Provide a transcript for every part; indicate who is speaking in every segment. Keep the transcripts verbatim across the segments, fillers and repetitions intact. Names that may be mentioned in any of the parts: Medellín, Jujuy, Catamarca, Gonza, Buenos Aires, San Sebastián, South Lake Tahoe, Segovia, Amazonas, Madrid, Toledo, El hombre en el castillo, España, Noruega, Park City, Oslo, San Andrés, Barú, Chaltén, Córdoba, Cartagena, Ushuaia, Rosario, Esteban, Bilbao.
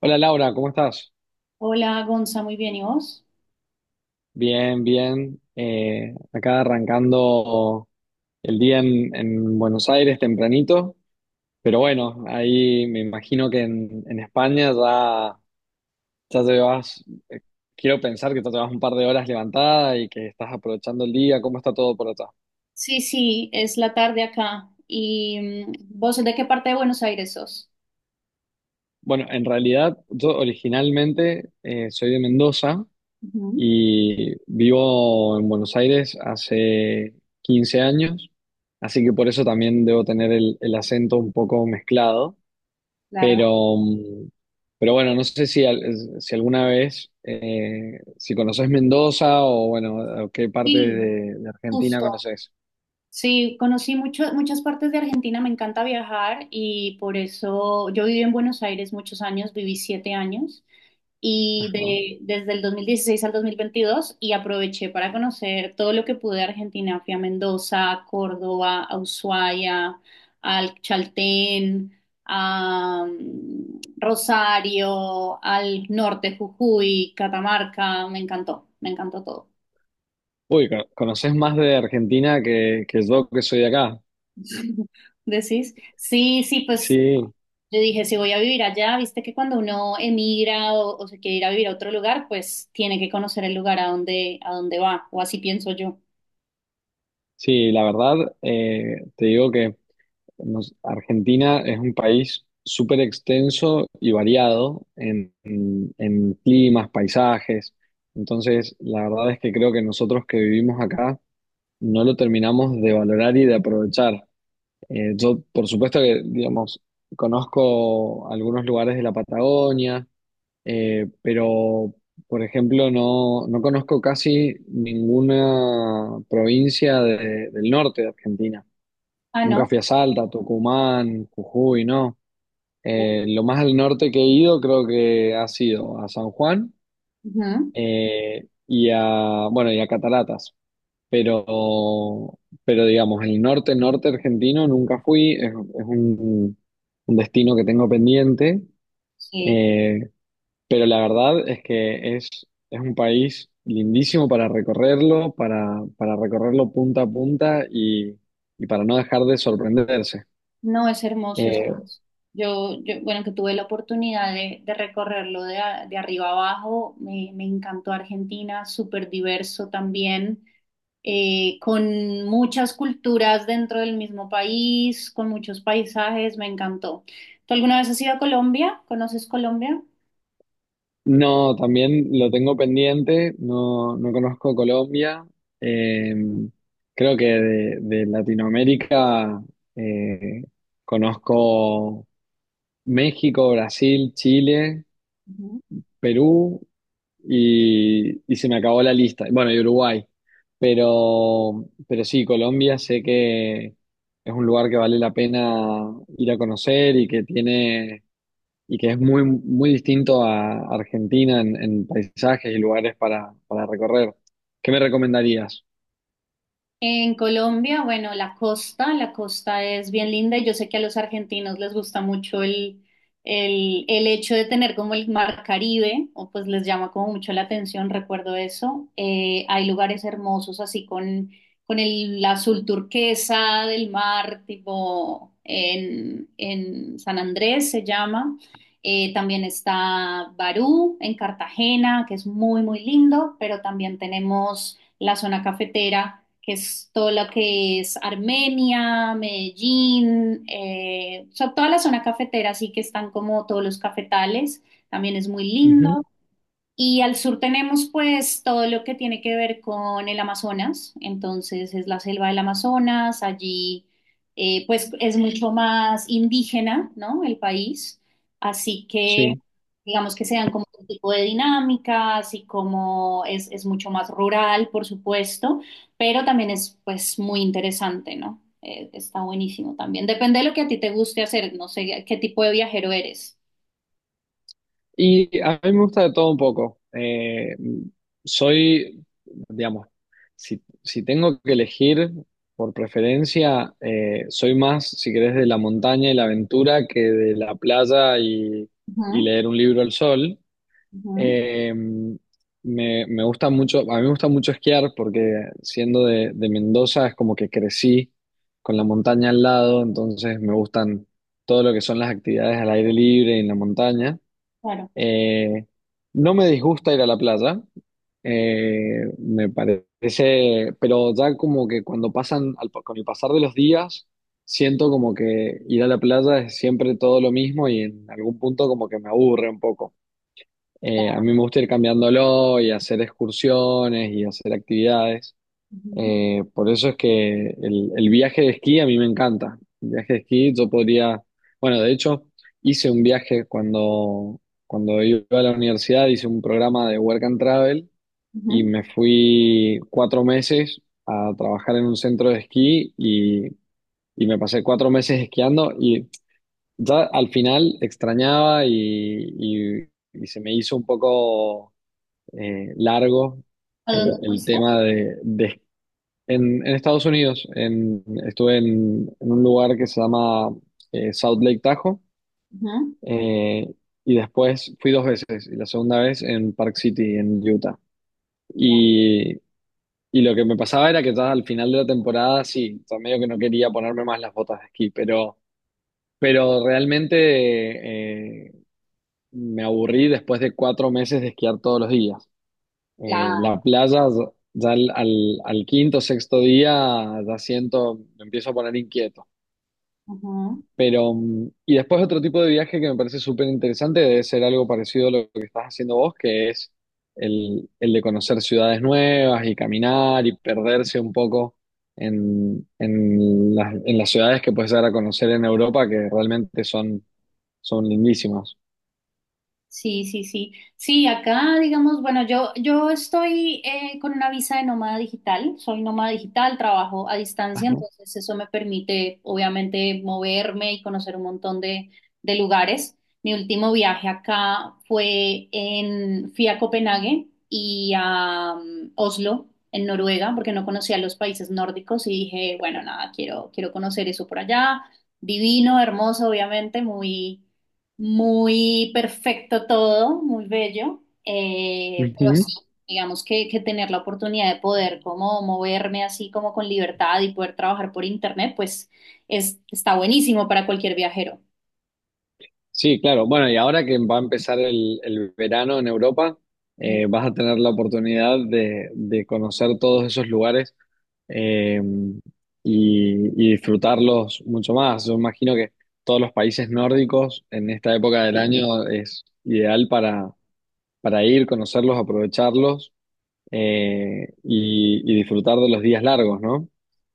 Speaker 1: Hola Laura, ¿cómo estás?
Speaker 2: Hola, Gonza, muy bien, ¿y vos?
Speaker 1: Bien, bien. Eh, acá arrancando el día en, en Buenos Aires tempranito, pero bueno, ahí me imagino que en, en España ya, ya te vas. eh, Quiero pensar que ya te vas un par de horas levantada y que estás aprovechando el día. ¿Cómo está todo por allá?
Speaker 2: Sí, sí, es la tarde acá. ¿Y mm, vos de qué parte de Buenos Aires sos?
Speaker 1: Bueno, en realidad yo originalmente eh, soy de Mendoza
Speaker 2: Ujú.
Speaker 1: y vivo en Buenos Aires hace quince años, así que por eso también debo tener el, el acento un poco mezclado,
Speaker 2: Claro.
Speaker 1: pero, mm, pero bueno, no sé si, al- si alguna vez, eh, si conoces Mendoza o bueno, o qué parte
Speaker 2: Sí,
Speaker 1: de, de Argentina
Speaker 2: justo.
Speaker 1: conoces.
Speaker 2: Sí, conocí mucho- muchas partes de Argentina, me encanta viajar y por eso yo viví en Buenos Aires muchos años, viví siete años y
Speaker 1: Ajá.
Speaker 2: de, desde el dos mil dieciséis al dos mil veintidós y aproveché para conocer todo lo que pude de Argentina. Fui a Mendoza, a Córdoba, a Ushuaia, al Chaltén, a mm, Rosario, al norte, Jujuy, Catamarca, me encantó, me encantó todo.
Speaker 1: Uy, co- conoces más de Argentina que, que yo, que soy de acá.
Speaker 2: ¿Decís? Sí, sí, pues
Speaker 1: Sí,
Speaker 2: yo dije, si voy a vivir allá, viste que cuando uno emigra o, o se quiere ir a vivir a otro lugar, pues tiene que conocer el lugar a donde, a donde va, o así pienso yo.
Speaker 1: sí, la verdad, eh, te digo que Nos- Argentina es un país súper extenso y variado en, en- en climas, paisajes. Entonces, la verdad es que creo que nosotros que vivimos acá no lo terminamos de valorar y de aprovechar. Eh, yo, por supuesto que, digamos, conozco algunos lugares de la Patagonia, eh, pero, por ejemplo, no, no conozco casi ninguna provincia de- del norte de Argentina.
Speaker 2: Ah,
Speaker 1: Nunca
Speaker 2: ¿no?
Speaker 1: fui a Salta, Tucumán, Jujuy, no.
Speaker 2: Ujú.
Speaker 1: Eh, lo más al norte que he ido creo que ha sido a San Juan eh, y a, bueno, y a Cataratas. Pero, pero digamos, el norte, norte argentino nunca fui. Es, es un, un destino que tengo pendiente.
Speaker 2: Sí.
Speaker 1: eh, pero la verdad es que es, es un país lindísimo para recorrerlo, para, para recorrerlo punta a punta y, y para no dejar de sorprenderse.
Speaker 2: No, es hermoso, es
Speaker 1: Eh,
Speaker 2: hermoso. Yo, yo, bueno, que tuve la oportunidad de, de recorrerlo de, a- de arriba abajo, me, me encantó Argentina, súper diverso también, eh, con muchas culturas dentro del mismo país, con muchos paisajes, me encantó. ¿Tú alguna vez has ido a Colombia? ¿Conoces Colombia?
Speaker 1: No, también lo tengo pendiente, no, no conozco Colombia. Eh, creo que de, de Latinoamérica eh, conozco México, Brasil, Chile, Perú y, y se me acabó la lista. Bueno, y Uruguay. Pero, pero sí, Colombia sé que es un lugar que vale la pena ir a conocer y que tiene y que es muy, muy distinto a Argentina en, en paisajes y lugares para, para recorrer. ¿Qué me recomendarías?
Speaker 2: En Colombia, bueno, la costa, la costa es bien linda y yo sé que a los argentinos les gusta mucho el, el, el hecho de tener como el mar Caribe, o pues les llama como mucho la atención, recuerdo eso. Eh, hay lugares hermosos así con, con el azul turquesa del mar, tipo en, en San Andrés se llama. Eh, también está Barú en Cartagena, que es muy, muy lindo, pero también tenemos la zona cafetera que es todo lo que es Armenia, Medellín, eh, o sea, toda la zona cafetera, sí que están como todos los cafetales, también es muy lindo.
Speaker 1: Ujú,
Speaker 2: Y al sur tenemos pues todo lo que tiene que ver con el Amazonas, entonces es la selva del Amazonas, allí eh, pues es mucho más indígena, ¿no? El país, así que
Speaker 1: sí.
Speaker 2: digamos que se dan como un tipo de dinámicas y como es, es mucho más rural, por supuesto, pero también es pues muy interesante, ¿no? Eh, está buenísimo también. Depende de lo que a ti te guste hacer, no sé qué tipo de viajero eres.
Speaker 1: Y a mí me gusta de todo un poco. Eh, soy, digamos, si, si tengo que elegir por preferencia, eh, soy más, si querés, de la montaña y la aventura que de la playa y, y
Speaker 2: Ujú,
Speaker 1: leer un libro al sol.
Speaker 2: ujú,
Speaker 1: Eh, me, me gusta mucho, a mí me gusta mucho esquiar, porque siendo de, de Mendoza es como que crecí con la montaña al lado, entonces me gustan todo lo que son las actividades al aire libre y en la montaña.
Speaker 2: claro.
Speaker 1: Eh, no me disgusta ir a la playa, eh, me parece, pero ya como que cuando pasan, al- con el pasar de los días, siento como que ir a la playa es siempre todo lo mismo y en algún punto como que me aburre un poco. Eh, a mí me gusta ir cambiándolo y hacer excursiones y hacer actividades. Eh, por eso es que el, el viaje de esquí a mí me encanta. El viaje de esquí yo podría, bueno, de hecho, hice un viaje cuando, cuando iba a la universidad, hice un programa de Work and Travel y
Speaker 2: Ujú.
Speaker 1: me fui cuatro meses a trabajar en un centro de esquí, y, y me pasé cuatro meses esquiando, y ya al final extrañaba y, y y se me hizo un poco eh, largo
Speaker 2: ¿A
Speaker 1: el,
Speaker 2: dónde
Speaker 1: el
Speaker 2: fuiste?
Speaker 1: tema de, de- en, en Estados Unidos. En- estuve en, en un lugar que se llama eh, South Lake Tahoe,
Speaker 2: Ujú.
Speaker 1: eh, y después fui dos veces, y la segunda vez en Park City, en Utah.
Speaker 2: Ya,
Speaker 1: Y, y lo que me pasaba era que ya al final de la temporada, sí, o sea, medio que no quería ponerme más las botas de esquí, pero, pero realmente eh, me aburrí después de cuatro meses de esquiar todos los días. Eh,
Speaker 2: claro.
Speaker 1: la playa, ya ya al, al, al quinto, sexto día, ya siento, me empiezo a poner inquieto.
Speaker 2: Ujú.
Speaker 1: Pero, mm, y después otro tipo de viaje que me parece súper interesante, debe ser algo parecido a lo que estás haciendo vos, que es el, el de conocer ciudades nuevas y caminar y perderse un poco en, en las, en las ciudades que puedes llegar a conocer en Europa, que realmente son, son lindísimas.
Speaker 2: Sí, sí, sí. Sí, acá, digamos, bueno, yo, yo estoy eh, con una visa de nómada digital, soy nómada digital, trabajo a distancia,
Speaker 1: Ajá.
Speaker 2: entonces eso me permite, obviamente, moverme y conocer un montón de, de lugares. Mi último viaje acá fue en, fui a Copenhague y a mm, Oslo, en Noruega, porque no conocía los países nórdicos y dije, bueno, nada, quiero, quiero conocer eso por allá. Divino, hermoso, obviamente, muy muy perfecto todo, muy bello, eh, pero sí,
Speaker 1: Ujú.
Speaker 2: digamos que, que tener la oportunidad de poder como moverme así como con libertad y poder trabajar por internet, pues es, está buenísimo para cualquier viajero.
Speaker 1: Sí, claro. Bueno, y ahora que va a empezar el, el verano en Europa, eh, vas a tener la oportunidad de, de conocer todos esos lugares, eh, y, y disfrutarlos mucho más. Yo imagino que todos los países nórdicos en esta época del año es ideal para, para ir, conocerlos, aprovecharlos, eh, y, y disfrutar de los días largos, ¿no?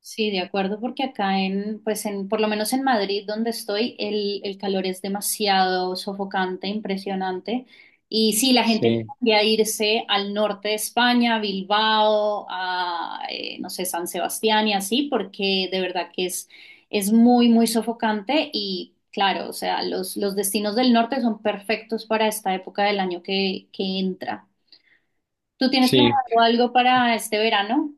Speaker 2: Sí, de acuerdo, porque acá en, pues en, por lo menos en Madrid, donde estoy, el, el calor es demasiado sofocante, impresionante. Y sí, la gente
Speaker 1: Sí,
Speaker 2: tiende a irse al norte de España, a Bilbao, a, eh, no sé, San Sebastián y así, porque de verdad que es, es muy, muy sofocante. Y claro, o sea, los, los destinos del norte son perfectos para esta época del año que, que entra. ¿Tú tienes
Speaker 1: sí.
Speaker 2: planeado algo para este verano?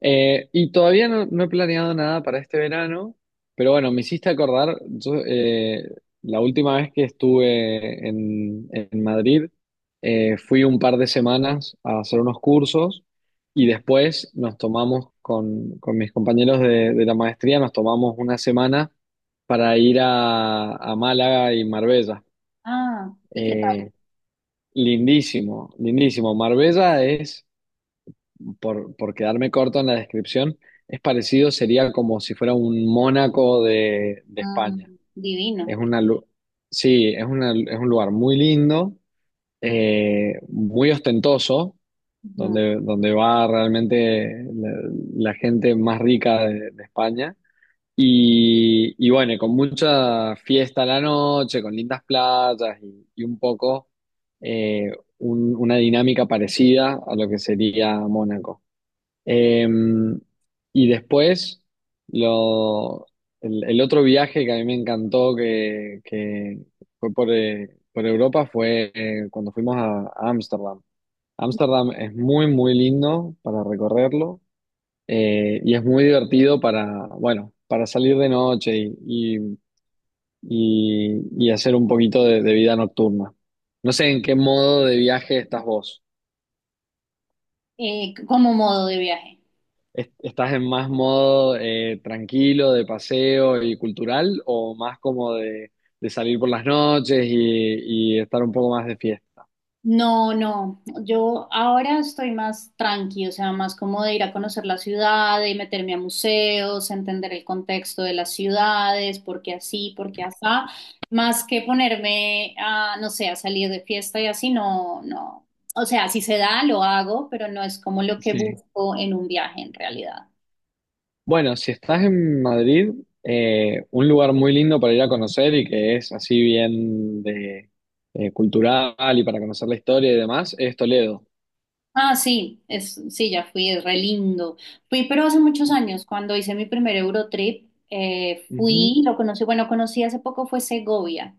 Speaker 1: Eh, y todavía no, no he planeado nada para este verano, pero bueno, me hiciste acordar. Yo, eh, la última vez que estuve en, en Madrid, eh, fui un par de semanas a hacer unos cursos, y después nos tomamos con, con mis compañeros de, de la maestría, nos tomamos una semana para ir a, a Málaga y Marbella.
Speaker 2: Ah, ¿y qué tal?
Speaker 1: Eh, lindísimo, lindísimo. Marbella es, por, por quedarme corto en la descripción, es parecido, sería como si fuera un Mónaco de, de España.
Speaker 2: Mm, divino.
Speaker 1: Es una, lu- sí, es una, es un lugar muy lindo, eh, muy ostentoso,
Speaker 2: Ujú.
Speaker 1: donde, donde va realmente la, la gente más rica de, de España. Y, y bueno, y, con mucha fiesta a la noche, con lindas playas y, y un poco eh, un- una dinámica parecida a lo que sería Mónaco. Eh, y después, lo, el, el otro viaje que a mí me encantó, que, que fue por, eh, por Europa, fue eh, cuando fuimos a a Ámsterdam. Ámsterdam es muy, muy lindo para recorrerlo, eh, y es muy divertido para, bueno, para salir de noche y, y- y- y hacer un poquito de de vida nocturna. No sé en qué modo de viaje estás vos.
Speaker 2: Eh, c- como modo de viaje.
Speaker 1: est- ¿Estás en más modo eh, tranquilo, de paseo y cultural, o más como de, de salir por las noches y, y estar un poco más de fiesta?
Speaker 2: No, no, yo ahora estoy más tranqui, o sea, más como de ir a conocer la ciudad, de meterme a museos, entender el contexto de las ciudades, por qué así, por qué asá, más que ponerme a, no sé, a salir de fiesta y así, no, no. O sea, si se da, lo hago, pero no es como lo que
Speaker 1: Sí.
Speaker 2: busco en un viaje en realidad.
Speaker 1: Bueno, si estás en Madrid, eh, un lugar muy lindo para ir a conocer y que es así bien de, eh, cultural y para conocer la historia y demás, es Toledo.
Speaker 2: Ah, sí, es, sí, ya fui, es re lindo. Fui, pero hace muchos años, cuando hice mi primer Eurotrip, eh,
Speaker 1: Ujú.
Speaker 2: fui, lo conocí, bueno, conocí hace poco fue Segovia,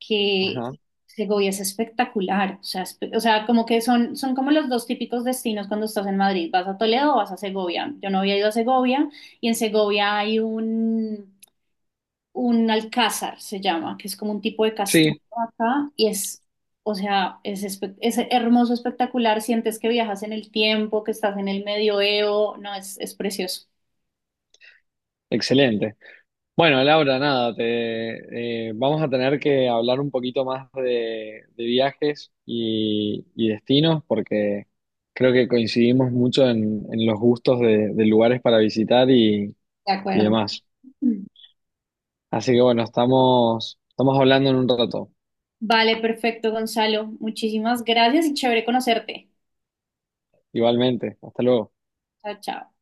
Speaker 2: que
Speaker 1: Ajá.
Speaker 2: Segovia es espectacular, o sea, espe- o sea, como que son, son como los dos típicos destinos cuando estás en Madrid, vas a Toledo o vas a Segovia. Yo no había ido a Segovia y en Segovia hay un, un alcázar, se llama, que es como un tipo de castillo
Speaker 1: Sí,
Speaker 2: acá y es, o sea, es, espe- es hermoso, espectacular, sientes que viajas en el tiempo, que estás en el medioevo, no, es, es precioso,
Speaker 1: excelente. Bueno, Laura, nada, te, eh, vamos a tener que hablar un poquito más de, de viajes y, y destinos, porque creo que coincidimos mucho en, en los gustos de, de lugares para visitar y,
Speaker 2: de
Speaker 1: y
Speaker 2: acuerdo.
Speaker 1: demás. Así que bueno, estamos, estamos hablando en un rato.
Speaker 2: Vale, perfecto, Gonzalo, muchísimas gracias y chévere conocerte.
Speaker 1: Igualmente, hasta luego.
Speaker 2: Chao, chao.